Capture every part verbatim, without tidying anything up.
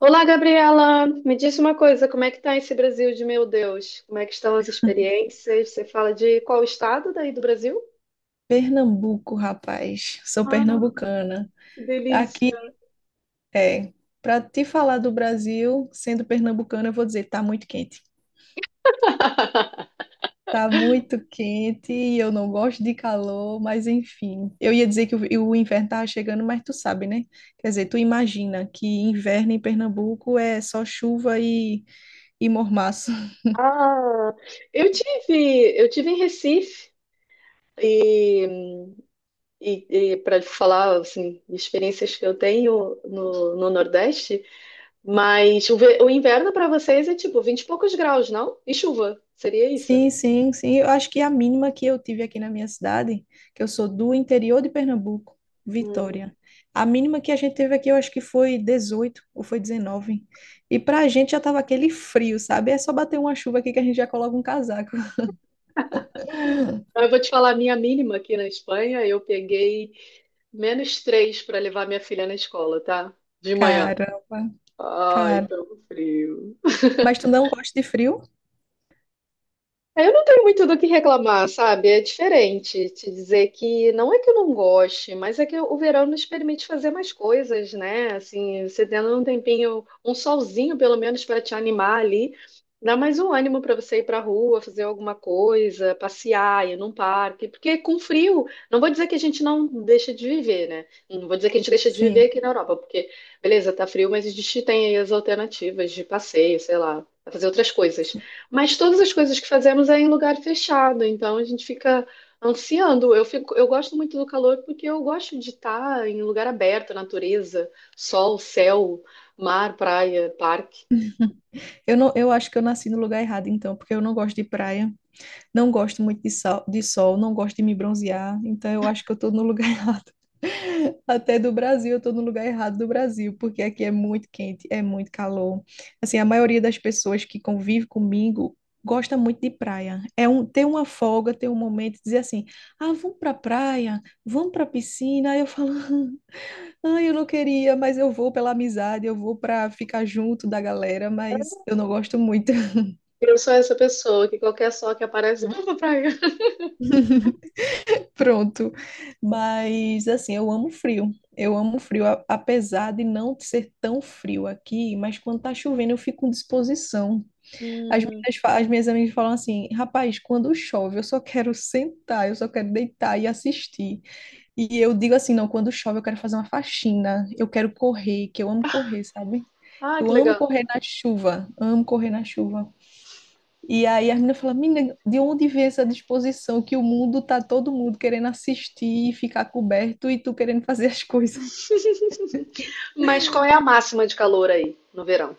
Olá, Gabriela. Me diz uma coisa, como é que tá esse Brasil de meu Deus? Como é que estão as experiências? Você fala de qual estado daí do Brasil? Pernambuco, rapaz. Sou Ah, pernambucana. que Aqui delícia. é. Para te falar do Brasil, sendo pernambucana, eu vou dizer, tá muito quente. Tá muito quente e eu não gosto de calor, mas enfim. Eu ia dizer que o, o inverno tava chegando, mas tu sabe, né? Quer dizer, tu imagina que inverno em Pernambuco é só chuva e, e mormaço. Ah, eu tive, eu tive em Recife, e, e, para falar assim, de experiências que eu tenho no, no Nordeste, mas o, ve- o inverno para vocês é tipo vinte e poucos graus, não? E chuva, seria isso? Sim, sim, sim. Eu acho que a mínima que eu tive aqui na minha cidade, que eu sou do interior de Pernambuco, Hum. Vitória. A mínima que a gente teve aqui, eu acho que foi dezoito ou foi dezenove. E pra gente já tava aquele frio, sabe? É só bater uma chuva aqui que a gente já coloca um casaco. Então, Eu vou te falar a minha mínima aqui na Espanha. Eu peguei menos três para levar minha filha na escola, tá? De manhã. Caramba, Ai, cara. tão frio. Mas tu não gosta de frio? É, Eu não tenho muito do que reclamar, sabe? É diferente te dizer que não é que eu não goste, mas é que o verão nos permite fazer mais coisas, né? Assim, você tendo um tempinho, um solzinho pelo menos para te animar ali, dá mais um ânimo para você ir para a rua, fazer alguma coisa, passear, ir num parque, porque com frio, não vou dizer que a gente não deixa de viver, né? Não vou dizer que a gente deixa de viver Sim. aqui na Europa, porque beleza, tá frio, mas a gente tem aí as alternativas de passeio, sei lá, pra fazer outras coisas. Mas todas as coisas que fazemos é em lugar fechado, então a gente fica ansiando. Eu fico, eu gosto muito do calor porque eu gosto de estar em lugar aberto, natureza, sol, céu, mar, praia, parque. Eu não, eu acho que eu nasci no lugar errado, então, porque eu não gosto de praia, não gosto muito de sol, de sol, não gosto de me bronzear, então eu acho que eu tô no lugar errado. Até do Brasil, eu tô no lugar errado do Brasil, porque aqui é muito quente, é muito calor. Assim, a maioria das pessoas que convive comigo gosta muito de praia. É um, ter uma folga, ter um momento de dizer assim: "Ah, vamos pra praia, vamos pra piscina". Aí eu falo: "Ah, eu não queria, mas eu vou pela amizade, eu vou pra ficar junto da galera, mas eu não gosto muito". Eu sou essa pessoa que qualquer sol que aparece, vamos pra praia. Pronto. Mas assim, eu amo frio. Eu amo frio, a- apesar de não ser tão frio aqui, mas quando tá chovendo eu fico com disposição. As Hum. minhas, fa- as minhas amigas falam assim: rapaz, quando chove eu só quero sentar, eu só quero deitar e assistir. E eu digo assim: não, quando chove eu quero fazer uma faxina, eu quero correr, que eu amo correr, sabe? Ah, Eu que amo legal. correr na chuva, amo correr na chuva. E aí a menina fala, menina, de onde vem essa disposição que o mundo tá todo mundo querendo assistir e ficar coberto e tu querendo fazer as coisas? Mas qual é a máxima de calor aí no verão?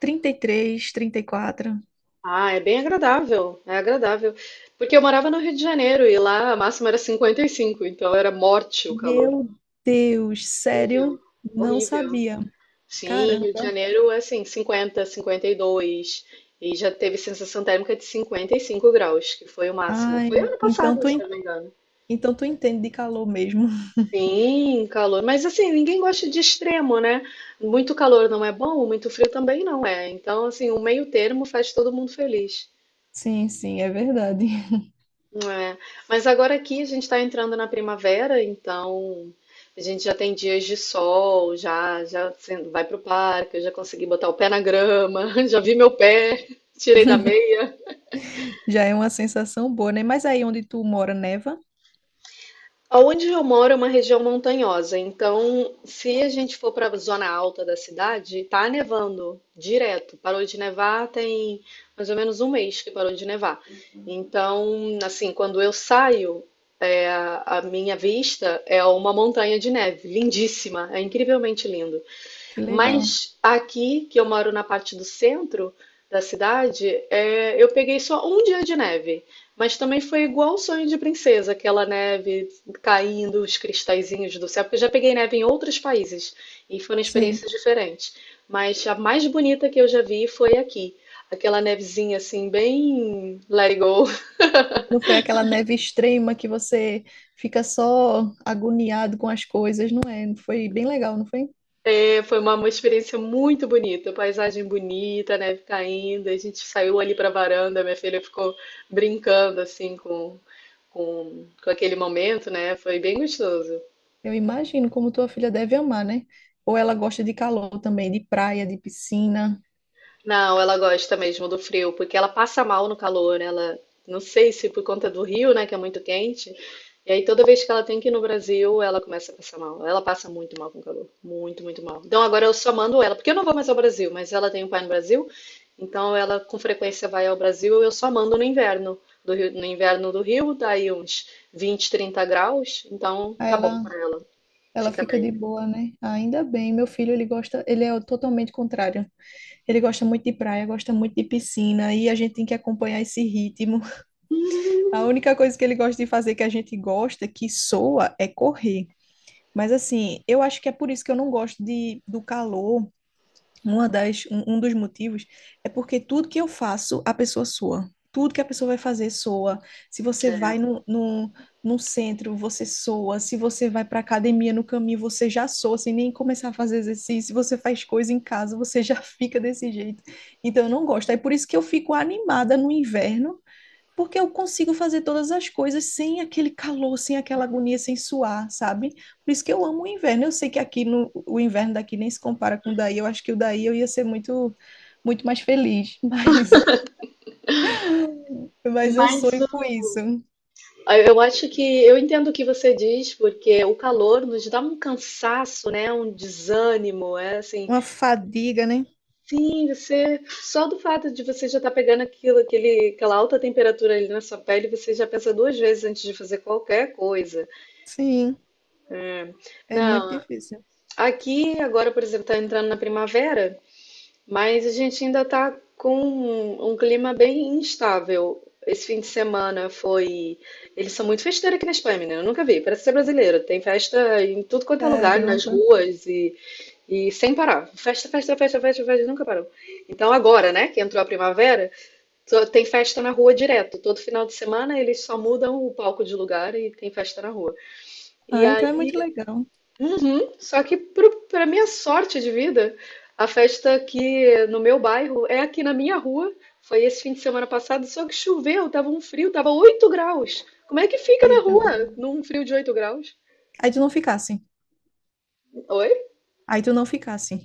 Trinta, trinta e três, trinta e quatro. Ah, é bem agradável, é agradável. Porque eu morava no Rio de Janeiro e lá a máxima era cinquenta e cinco, então era morte o calor. Meu Deus, Horrível, sério? Não horrível. sabia. Sim, Rio de Caramba. Janeiro é assim, cinquenta, cinquenta e dois, e já teve sensação térmica de cinquenta e cinco graus, que foi o máximo. Foi Ai, ano então passado, tu, se en- eu não me engano. então tu entende de calor mesmo. Sim, calor. Mas assim, ninguém gosta de extremo, né? Muito calor não é bom, muito frio também não é. Então, assim, o meio termo faz todo mundo feliz. Sim, sim, é verdade. É, mas agora aqui a gente está entrando na primavera, então a gente já tem dias de sol, já já você vai pro parque, eu já consegui botar o pé na grama, já vi meu pé, tirei da meia. Já é uma sensação boa, né? Mas aí onde tu mora, neva? Aonde eu moro é uma região montanhosa, então se a gente for para a zona alta da cidade, tá nevando direto. Parou de nevar tem mais ou menos um mês que parou de nevar. Então, assim, quando eu saio, é, a minha vista é uma montanha de neve, lindíssima, é incrivelmente lindo. Que legal. Mas aqui, que eu moro na parte do centro da cidade, é, eu peguei só um dia de neve. Mas também foi igual o Sonho de Princesa, aquela neve caindo, os cristalzinhos do céu, porque eu já peguei neve em outros países e foram Sim. experiências diferentes. Mas a mais bonita que eu já vi foi aqui. Aquela nevezinha assim, bem let it go. Não foi aquela neve extrema que você fica só agoniado com as coisas, não é? Foi bem legal, não foi? É, foi uma, uma experiência muito bonita, paisagem bonita, neve caindo. A gente saiu ali para a varanda, minha filha ficou brincando assim com, com, com aquele momento, né? Foi bem gostoso. Eu imagino como tua filha deve amar, né? Ou ela gosta de calor também, de praia, de piscina. Não, ela gosta mesmo do frio, porque ela passa mal no calor. Ela, não sei se por conta do Rio, né, que é muito quente. E aí toda vez que ela tem que ir no Brasil, ela começa a passar mal. Ela passa muito mal com calor, muito, muito mal. Então agora eu só mando ela, porque eu não vou mais ao Brasil, mas ela tem um pai no Brasil, então ela com frequência vai ao Brasil. Eu só mando no inverno do Rio, no inverno do Rio, dá aí uns vinte, trinta graus, então Aí tá bom ela, pra ela, ela fica fica bem. de boa, né? Ainda bem, meu filho, ele gosta, ele é o totalmente contrário. Ele gosta muito de praia, gosta muito de piscina, e a gente tem que acompanhar esse ritmo. A única coisa que ele gosta de fazer que a gente gosta, que soa, é correr. Mas assim, eu acho que é por isso que eu não gosto de, do calor. Uma das, um, um dos motivos é porque tudo que eu faço, a pessoa soa. Tudo que a pessoa vai fazer soa. Se você É. vai no, no, no centro, você soa. Se você vai para academia no caminho, você já soa, sem nem começar a fazer exercício. Se você faz coisa em casa, você já fica desse jeito. Então, eu não gosto. É por isso que eu fico animada no inverno porque eu consigo fazer todas as coisas sem aquele calor, sem aquela agonia, sem suar, sabe? Por isso que eu amo o inverno. Eu sei que aqui no, o inverno daqui nem se compara com o daí. Eu acho que o daí eu ia ser muito, muito mais feliz, mas, mas eu Mas sonho com isso. Ah, eu acho que eu entendo o que você diz, porque o calor nos dá um cansaço, né? Um desânimo, é assim. Uma fadiga, né? Sim, você só do fato de você já estar pegando aquilo, aquele, aquela alta temperatura ali na sua pele, você já pensa duas vezes antes de fazer qualquer coisa. Sim, é muito Não, difícil. aqui agora, por exemplo, está entrando na primavera. Mas a gente ainda está com um, um clima bem instável. Esse fim de semana foi. Eles são muito festeiros aqui na Espanha, menina. Eu nunca vi. Parece ser brasileiro. Tem festa em tudo quanto é lugar, nas Caramba. ruas e, e sem parar. Festa, festa, festa, festa, festa, nunca parou. Então agora, né, que entrou a primavera, só tem festa na rua direto. Todo final de semana eles só mudam o palco de lugar e tem festa na rua. E Ah, então é muito legal. uhum. Só que pro- pra minha sorte de vida, a festa aqui no meu bairro é aqui na minha rua. Foi esse fim de semana passado, só que choveu, tava um frio, tava oito graus. Como é que fica na Eita. rua num frio de oito graus? Aí tu não ficasse. Oi? Aí tu não ficasse.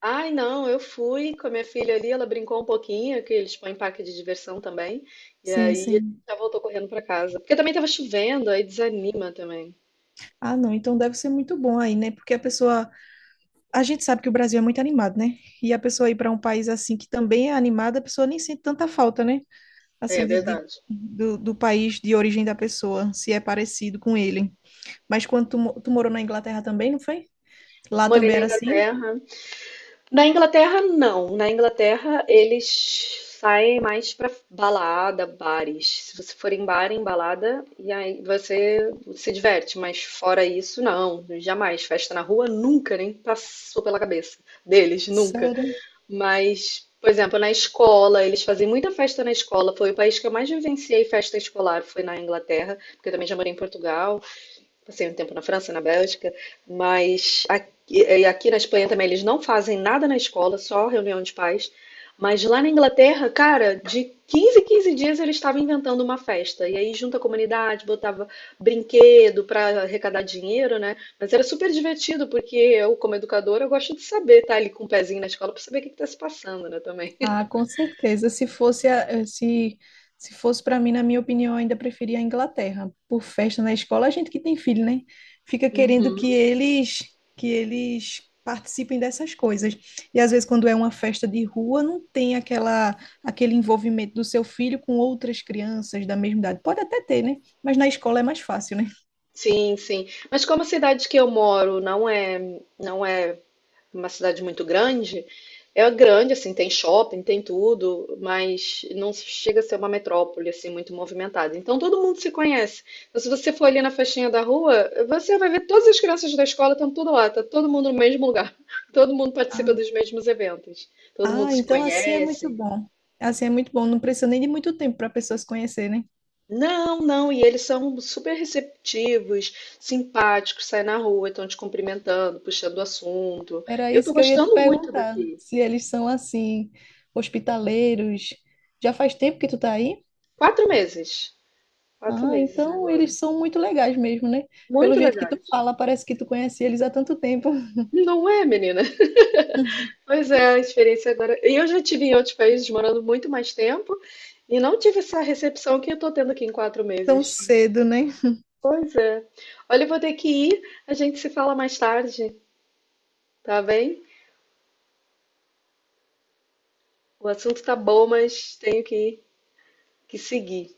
Ai, não, eu fui com a minha filha ali, ela brincou um pouquinho, que eles põem parque de diversão também. E Sim, aí sim. já voltou correndo pra casa. Porque também tava chovendo, aí desanima também. Ah, não, então deve ser muito bom aí, né? Porque a pessoa a gente sabe que o Brasil é muito animado, né? E a pessoa ir para um país assim que também é animado, a pessoa nem sente tanta falta, né? É, é Assim, de, de- verdade. do, do país de origem da pessoa, se é parecido com ele. Mas quando tu, mo- tu morou na Inglaterra também, não foi? Lá Morei também na era assim? Inglaterra. Na Inglaterra, não. Na Inglaterra, eles saem mais pra balada, bares. Se você for em bar, em balada, e aí você se diverte. Mas fora isso, não. Jamais. Festa na rua, nunca, nem passou pela cabeça deles, nunca. Sério? Mas, por exemplo, na escola, eles faziam muita festa na escola. Foi o país que eu mais vivenciei festa escolar, foi na Inglaterra, porque eu também já morei em Portugal. Passei um tempo na França, na Bélgica, mas aqui, e aqui na Espanha também eles não fazem nada na escola, só reunião de pais. Mas lá na Inglaterra, cara, de quinze em quinze dias ele estava inventando uma festa. E aí junta a comunidade, botava brinquedo para arrecadar dinheiro, né? Mas era super divertido, porque eu, como educadora, eu gosto de saber, tá ali com o pezinho na escola para saber o que está se passando, né, também. Ah, com certeza. Se fosse a- eh, se se fosse para mim, na minha opinião, eu ainda preferia a Inglaterra. Por festa na escola, a gente que tem filho, né? Fica querendo que Uhum. eles que eles participem dessas coisas. E às vezes quando é uma festa de rua, não tem aquela aquele envolvimento do seu filho com outras crianças da mesma idade. Pode até ter, né? Mas na escola é mais fácil, né? Sim, sim. Mas como a cidade que eu moro não é, não é uma cidade muito grande, é grande, assim, tem shopping, tem tudo, mas não chega a ser uma metrópole, assim, muito movimentada. Então todo mundo se conhece. Então, se você for ali na festinha da rua, você vai ver todas as crianças da escola estão tudo lá, tá todo mundo no mesmo lugar. Todo mundo Ah, participa dos mesmos eventos. Todo mundo ah, se então assim é muito conhece. bom. Assim é muito bom. Não precisa nem de muito tempo para a pessoa se conhecer, né? Não, não, e eles são super receptivos, simpáticos, saem na rua, estão te cumprimentando, puxando o assunto. Era Eu tô isso que eu ia te gostando muito perguntar, daqui. se eles são assim, hospitaleiros. Já faz tempo que tu tá aí? Quatro meses. Quatro Ah, meses então agora. eles são muito legais mesmo, né? Pelo Muito jeito que tu legais. fala, parece que tu conhece eles há tanto tempo. Não é, menina? Pois é, a experiência agora. E eu já tive em outros países morando muito mais tempo e não tive essa recepção que eu tô tendo aqui em quatro Tão meses. cedo, né? Pois é. Olha, eu vou ter que ir. A gente se fala mais tarde, tá bem? O assunto tá bom, mas tenho que, que seguir.